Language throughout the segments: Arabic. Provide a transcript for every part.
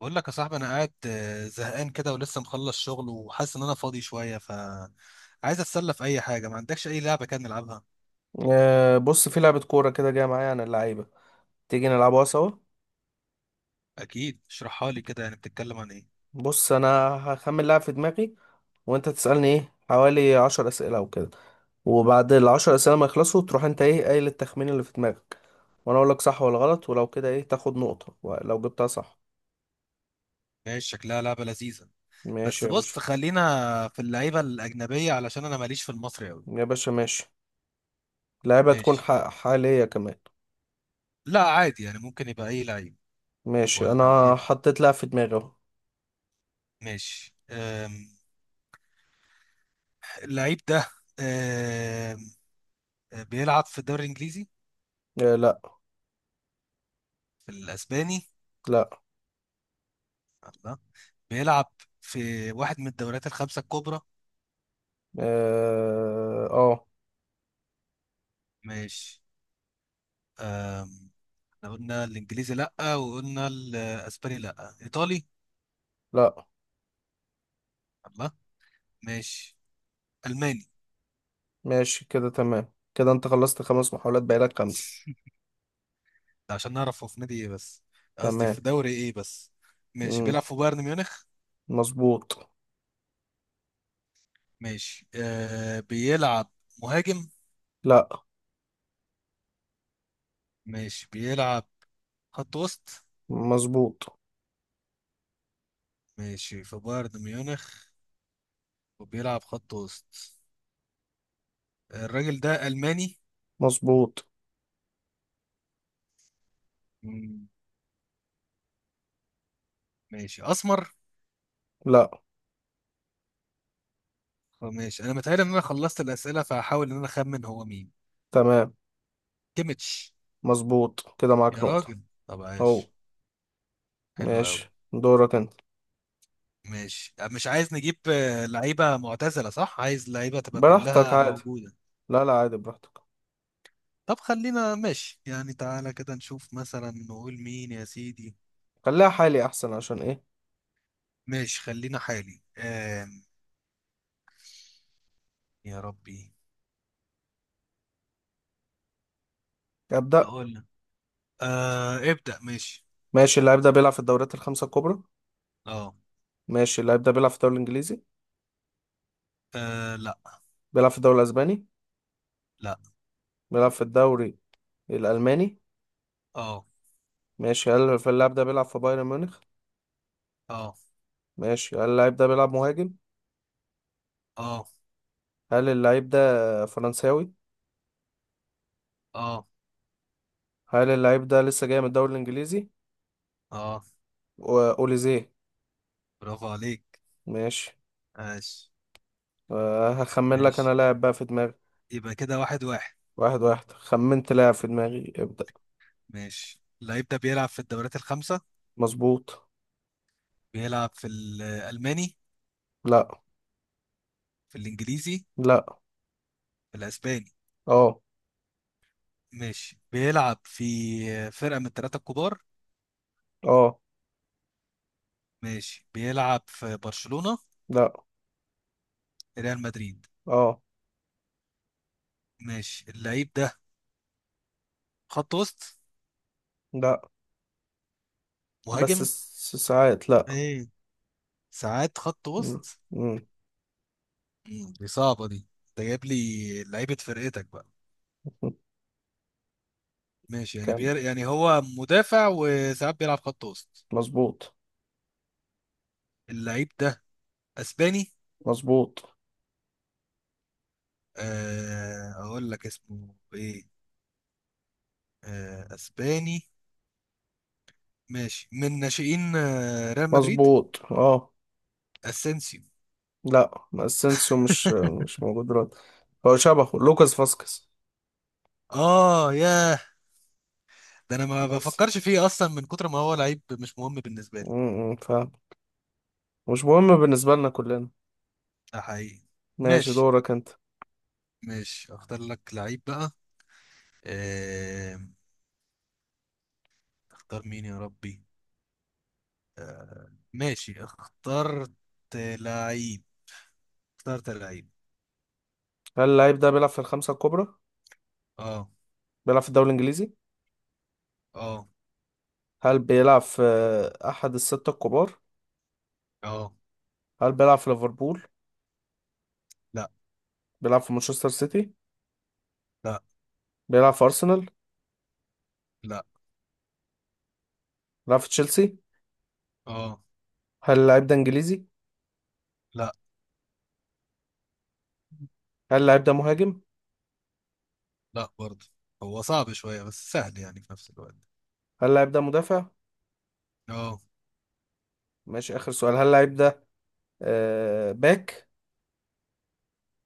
بقول لك يا صاحبي، انا قاعد زهقان كده ولسه مخلص شغل وحاسس ان انا فاضي شويه ف عايز اتسلى في اي حاجه، ما عندكش اي لعبه كده نلعبها؟ آه، بص، في لعبة كورة كده جاية معايا عن اللعيبة. تيجي نلعبها سوا. اكيد، اشرحها لي كده، يعني بتتكلم عن ايه؟ بص أنا هخمن لاعب في دماغي وأنت تسألني إيه حوالي 10 أسئلة أو كده، وبعد العشر أسئلة ما يخلصوا تروح أنت إيه قايل التخمين اللي في دماغك، وأنا أقول لك صح ولا غلط، ولو كده إيه تاخد نقطة لو جبتها صح. ماشي، شكلها لعبه لذيذه. بس ماشي يا باشا. بص، خلينا في اللعيبه الاجنبيه علشان انا ماليش في المصري قوي. يا باشا ماشي. لعبة تكون ماشي. حالية كمان. لا عادي يعني، ممكن يبقى اي لعيب ماشي ولا أنا ايه. حطيت لاعب في دماغي أهو. ماشي. اللعيب ده أم، بيلعب في الدوري الانجليزي؟ آه، لأ. في الاسباني؟ لأ. لا، بيلعب في واحد من الدوريات الخمسه الكبرى. آه، آه، ماشي. أم، احنا قلنا الانجليزي لا، وقلنا الاسباني لا. ايطالي؟ لأ. الله. ماشي، الماني. ماشي كده، تمام كده، انت خلصت 5 محاولات، بقالك خمسة. ده عشان نعرف هو في نادي ايه بس، قصدي تمام. في دوري ايه بس. ماشي، مم. بيلعب في بايرن ميونخ. مظبوط. ماشي، بيلعب مهاجم؟ لا. ماشي، بيلعب خط وسط. مظبوط. ماشي، في بايرن ميونخ وبيلعب خط وسط، الراجل ده ألماني. مظبوط. مم، ماشي، أسمر. لا. ماشي. أنا متهيألي إن أنا خلصت الأسئلة، فهحاول إن أنا أخمن هو مين. تمام. كيميتش. مظبوط، كده معاك يا نقطة. راجل، طب اهو. عاش. حلو قوي. ماشي دورك انت. ماشي، مش عايز نجيب لعيبة معتزلة. صح، عايز لعيبة تبقى براحتك كلها عادي. موجودة. لا، لا عادي براحتك. طب خلينا. ماشي يعني، تعالى كده نشوف مثلا نقول مين يا سيدي. خليها حالي احسن، عشان ايه؟ ماشي، خلينا حالي. يا ربي. ابدأ. اقول لك. ابدأ ماشي. ماشي، اللاعب ده بيلعب في الدوريات الخمسة الكبرى؟ اه. ماشي، اللاعب ده بيلعب في الدوري الانجليزي؟ آه، لا. بيلعب في الدوري الاسباني؟ لا. بيلعب في الدوري الالماني؟ اه. ماشي، هل في اللاعب ده بيلعب في بايرن ميونخ؟ اه. ماشي، هل اللاعب ده بيلعب مهاجم؟ اه. هل اللعيب ده فرنساوي؟ اه. هل اللعيب ده لسه جاي من الدوري الانجليزي؟ اه. واوليزيه. برافو عليك. ماشي. ماشي. أه، هخمن لك انا ماشي، لاعب بقى في دماغي. يبقى كده 1-1. واحد واحد، خمنت لاعب في دماغي، ابدأ. ماشي، اللعيب ده بيلعب في الدوريات الخمسة. مظبوط. بيلعب في الألماني؟ لا. في الإنجليزي؟ لا. في الأسباني؟ اه. ماشي، بيلعب في فرقة من الثلاثة الكبار. اه. ماشي، بيلعب في برشلونة؟ لا. ريال مدريد؟ اه. ماشي، اللعيب ده خط وسط؟ لا. بس مهاجم؟ ساعات لا. مم. ساعات خط مم. وسط؟ مم. دي صعبة دي. انت جايب لي لعيبة فرقتك بقى. ماشي يعني كام. يعني هو مدافع وساعات بيلعب خط وسط. مظبوط. اللعيب ده اسباني. مظبوط. اقول لك اسمه ايه. اسباني. ماشي، من ناشئين ريال مدريد. مظبوط. اه. اسينسيو. لا، ما السينسو مش موجود دلوقتي. هو شبهه لوكاس فاسكس. اه، ياه. ده انا ما بس بفكرش فيه اصلا من كتر ما هو لعيب مش مهم بالنسبه لي. امم مش مهم بالنسبة لنا كلنا. ده حقيقي. ماشي ماشي. دورك انت. ماشي، اختار لك لعيب بقى. آه... اختار مين يا ربي. ماشي، لعيب اخترت لعيب. هل اللعيب ده بيلعب في الخمسة الكبرى؟ اه. بيلعب في الدوري الإنجليزي؟ اه. هل بيلعب في أحد الستة الكبار؟ اه. هل بيلعب في ليفربول؟ لا. بيلعب في مانشستر سيتي؟ لا. بيلعب في أرسنال؟ لا. بيلعب في تشيلسي؟ اه. هل اللعيب ده إنجليزي؟ لا. هل اللعيب ده مهاجم؟ لا برضه. هو صعب شويه، بس سهل يعني في نفس الوقت. هل اللعيب ده مدافع؟ اه. ماشي، آخر سؤال، هل اللعيب ده آه باك؟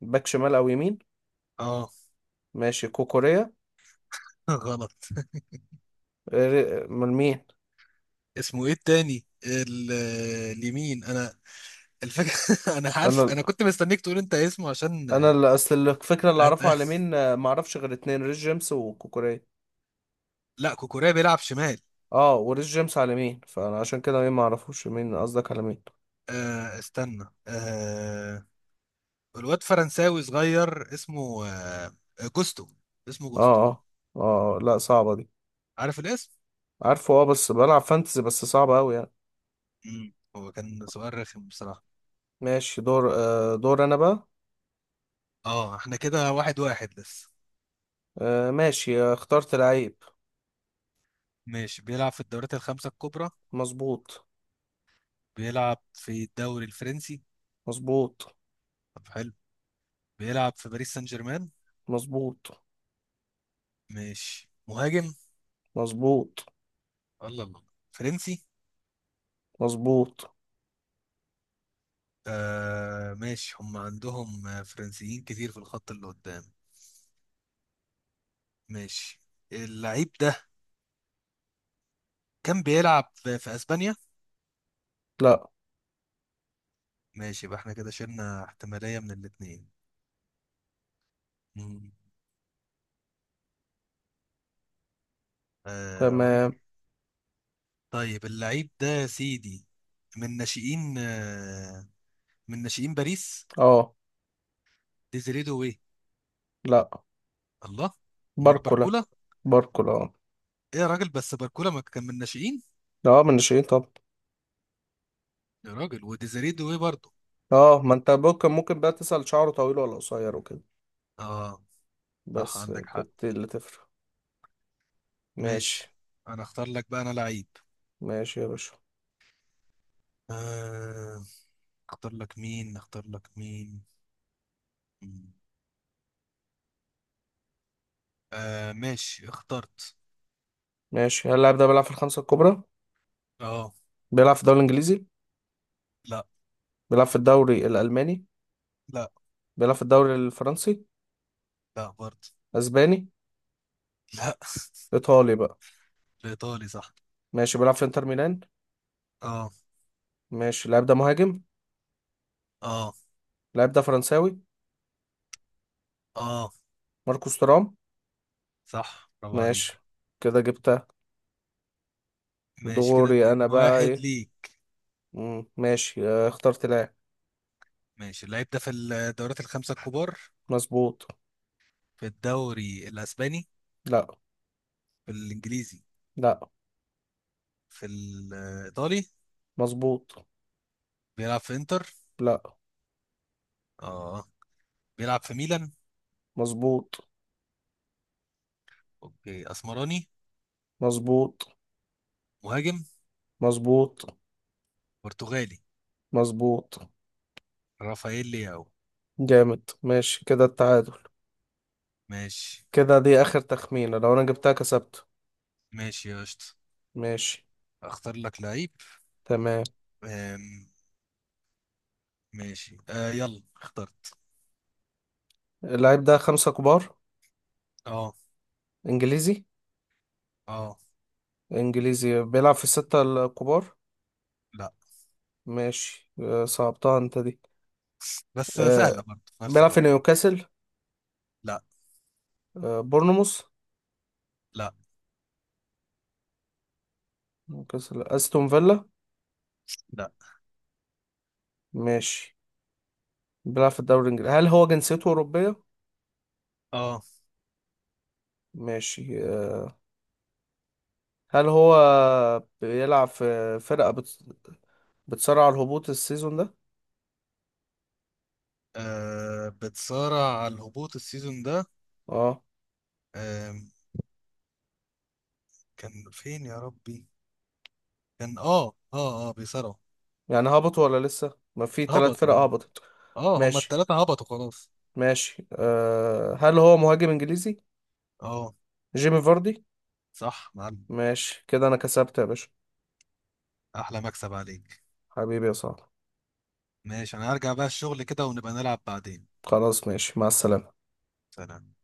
باك شمال أو يمين؟ اه. ماشي كوكوريا. غلط. آه، من مين؟ اسمه ايه التاني؟ اليمين انا. الفكرة انا عارف، أنا انا كنت مستنيك تقول انت اسمه عشان أنا اللي أصل الفكرة، اللي هت... أعرفه على مين، معرفش غير اتنين، ريس جيمس وكوكوريا. لا، كوكوريا بيلعب شمال. اه، وريس جيمس على مين فانا، عشان كده مين ما اعرفوش، مين قصدك على مين. استنى. الواد فرنساوي صغير اسمه جوستو. اسمه اه، جوستو. اه، اه. آه، لا صعبة دي. عارف الاسم؟ عارفه، اه، بس بلعب فانتزي، بس صعبة اوي يعني. مم. هو كان سؤال رخم بصراحة. ماشي دور، انا بقى. اه، احنا كده 1-1 لسه. آه ماشي، اخترت لعيب. ماشي، بيلعب في الدوريات الخمسة الكبرى. مظبوط. بيلعب في الدوري الفرنسي. مظبوط. طب حلو. بيلعب في باريس سان جيرمان. مظبوط. ماشي، مهاجم. مظبوط. الله الله. فرنسي. مظبوط. ماشي، هم عندهم فرنسيين كتير في الخط اللي قدام. ماشي، اللعيب ده كان بيلعب في اسبانيا. لا. ماشي، يبقى احنا كده شلنا احتمالية من الاتنين. مم. اقول لك. تمام. طيب اللعيب ده يا سيدي، من ناشئين آه من ناشئين باريس. اه. ديزيري دوي. لا. الله. امال باركولا. باركولا؟ باركولا اه. ايه يا راجل؟ بس باركولا ما كان من ناشئين. لا، من شيء طب. يا راجل، وديزيري دوي برضه. اه، ما انت ممكن بقى تسأل شعره طويل ولا قصير وكده. اه، صح بس عندك حق. كانت دي اللي تفرق. ماشي. ماشي. انا اختار لك بقى انا لعيب. ماشي يا باشا. آه، اختار لك مين؟ اختار لك مين؟ مم. ماشي، اخترت. ماشي، هل اللاعب ده بيلعب في الخمسة الكبرى؟ اه. بيلعب في الدوري الإنجليزي؟ لا. بيلعب في الدوري الألماني؟ لا. بيلعب في الدوري الفرنسي؟ لا برضه. أسباني؟ لا. إيطالي بقى؟ الايطالي صح. ماشي، بيلعب في إنتر ميلان؟ اه. ماشي، اللاعب ده مهاجم؟ اه. اللاعب ده فرنساوي؟ اه. ماركوس تورام. صح، برافو عليك. ماشي، كده جبتها. ماشي، كده دوري أنا اتنين بقى واحد إيه. ليك. مم. ماشي، اخترت لاعب. ماشي، اللعيب ده في الدوريات الخمسة الكبار. مظبوط. في الدوري الاسباني؟ لا. في الانجليزي؟ لا. في الايطالي؟ مظبوط. بيلعب في انتر؟ لا. اه، بيلعب في ميلان. مظبوط. اوكي، اسمراني. مظبوط. مهاجم. مظبوط. برتغالي. مظبوط. رافائيل لياو. جامد، ماشي كده التعادل. ماشي. كده دي آخر تخمينة، لو أنا جبتها كسبته. ماشي يا قشطة، ماشي. اختار لك لعيب. تمام. أم، ماشي، يلا اخترت. اللعيب ده خمسة كبار؟ اه. إنجليزي؟ اه. إنجليزي بيلعب في الستة الكبار؟ لا. ماشي، صعبتها أنت دي. بس آه، سهلة برضه في نفس بيلعب في الوقت. نيوكاسل؟ لا. بورنموث؟ لا. نيوكاسل، أستون فيلا؟ لا. ماشي. بيلعب في الدوري الإنجليزي، هل هو جنسيته أوروبية؟ اه. ماشي، هل هو بيلعب في فرقة بتصارع الهبوط السيزون ده؟ بتصارع على الهبوط السيزون ده. اه. آم، كان فين يا ربي؟ كان اه بيصارعوا. يعني هبط ولا لسه؟ ما في ثلاث هبط، فرق اه. هبطت. اه، هما ماشي. التلاتة هبطوا خلاص. ماشي أه، هل هو مهاجم انجليزي؟ اه، جيمي فاردي. صح معلم. ماشي كده انا كسبت يا باشا. احلى مكسب عليك. حبيبي يا صاحبي. ماشي، انا هرجع بقى الشغل كده ونبقى نلعب بعدين. خلاص ماشي، مع السلامة. سلام.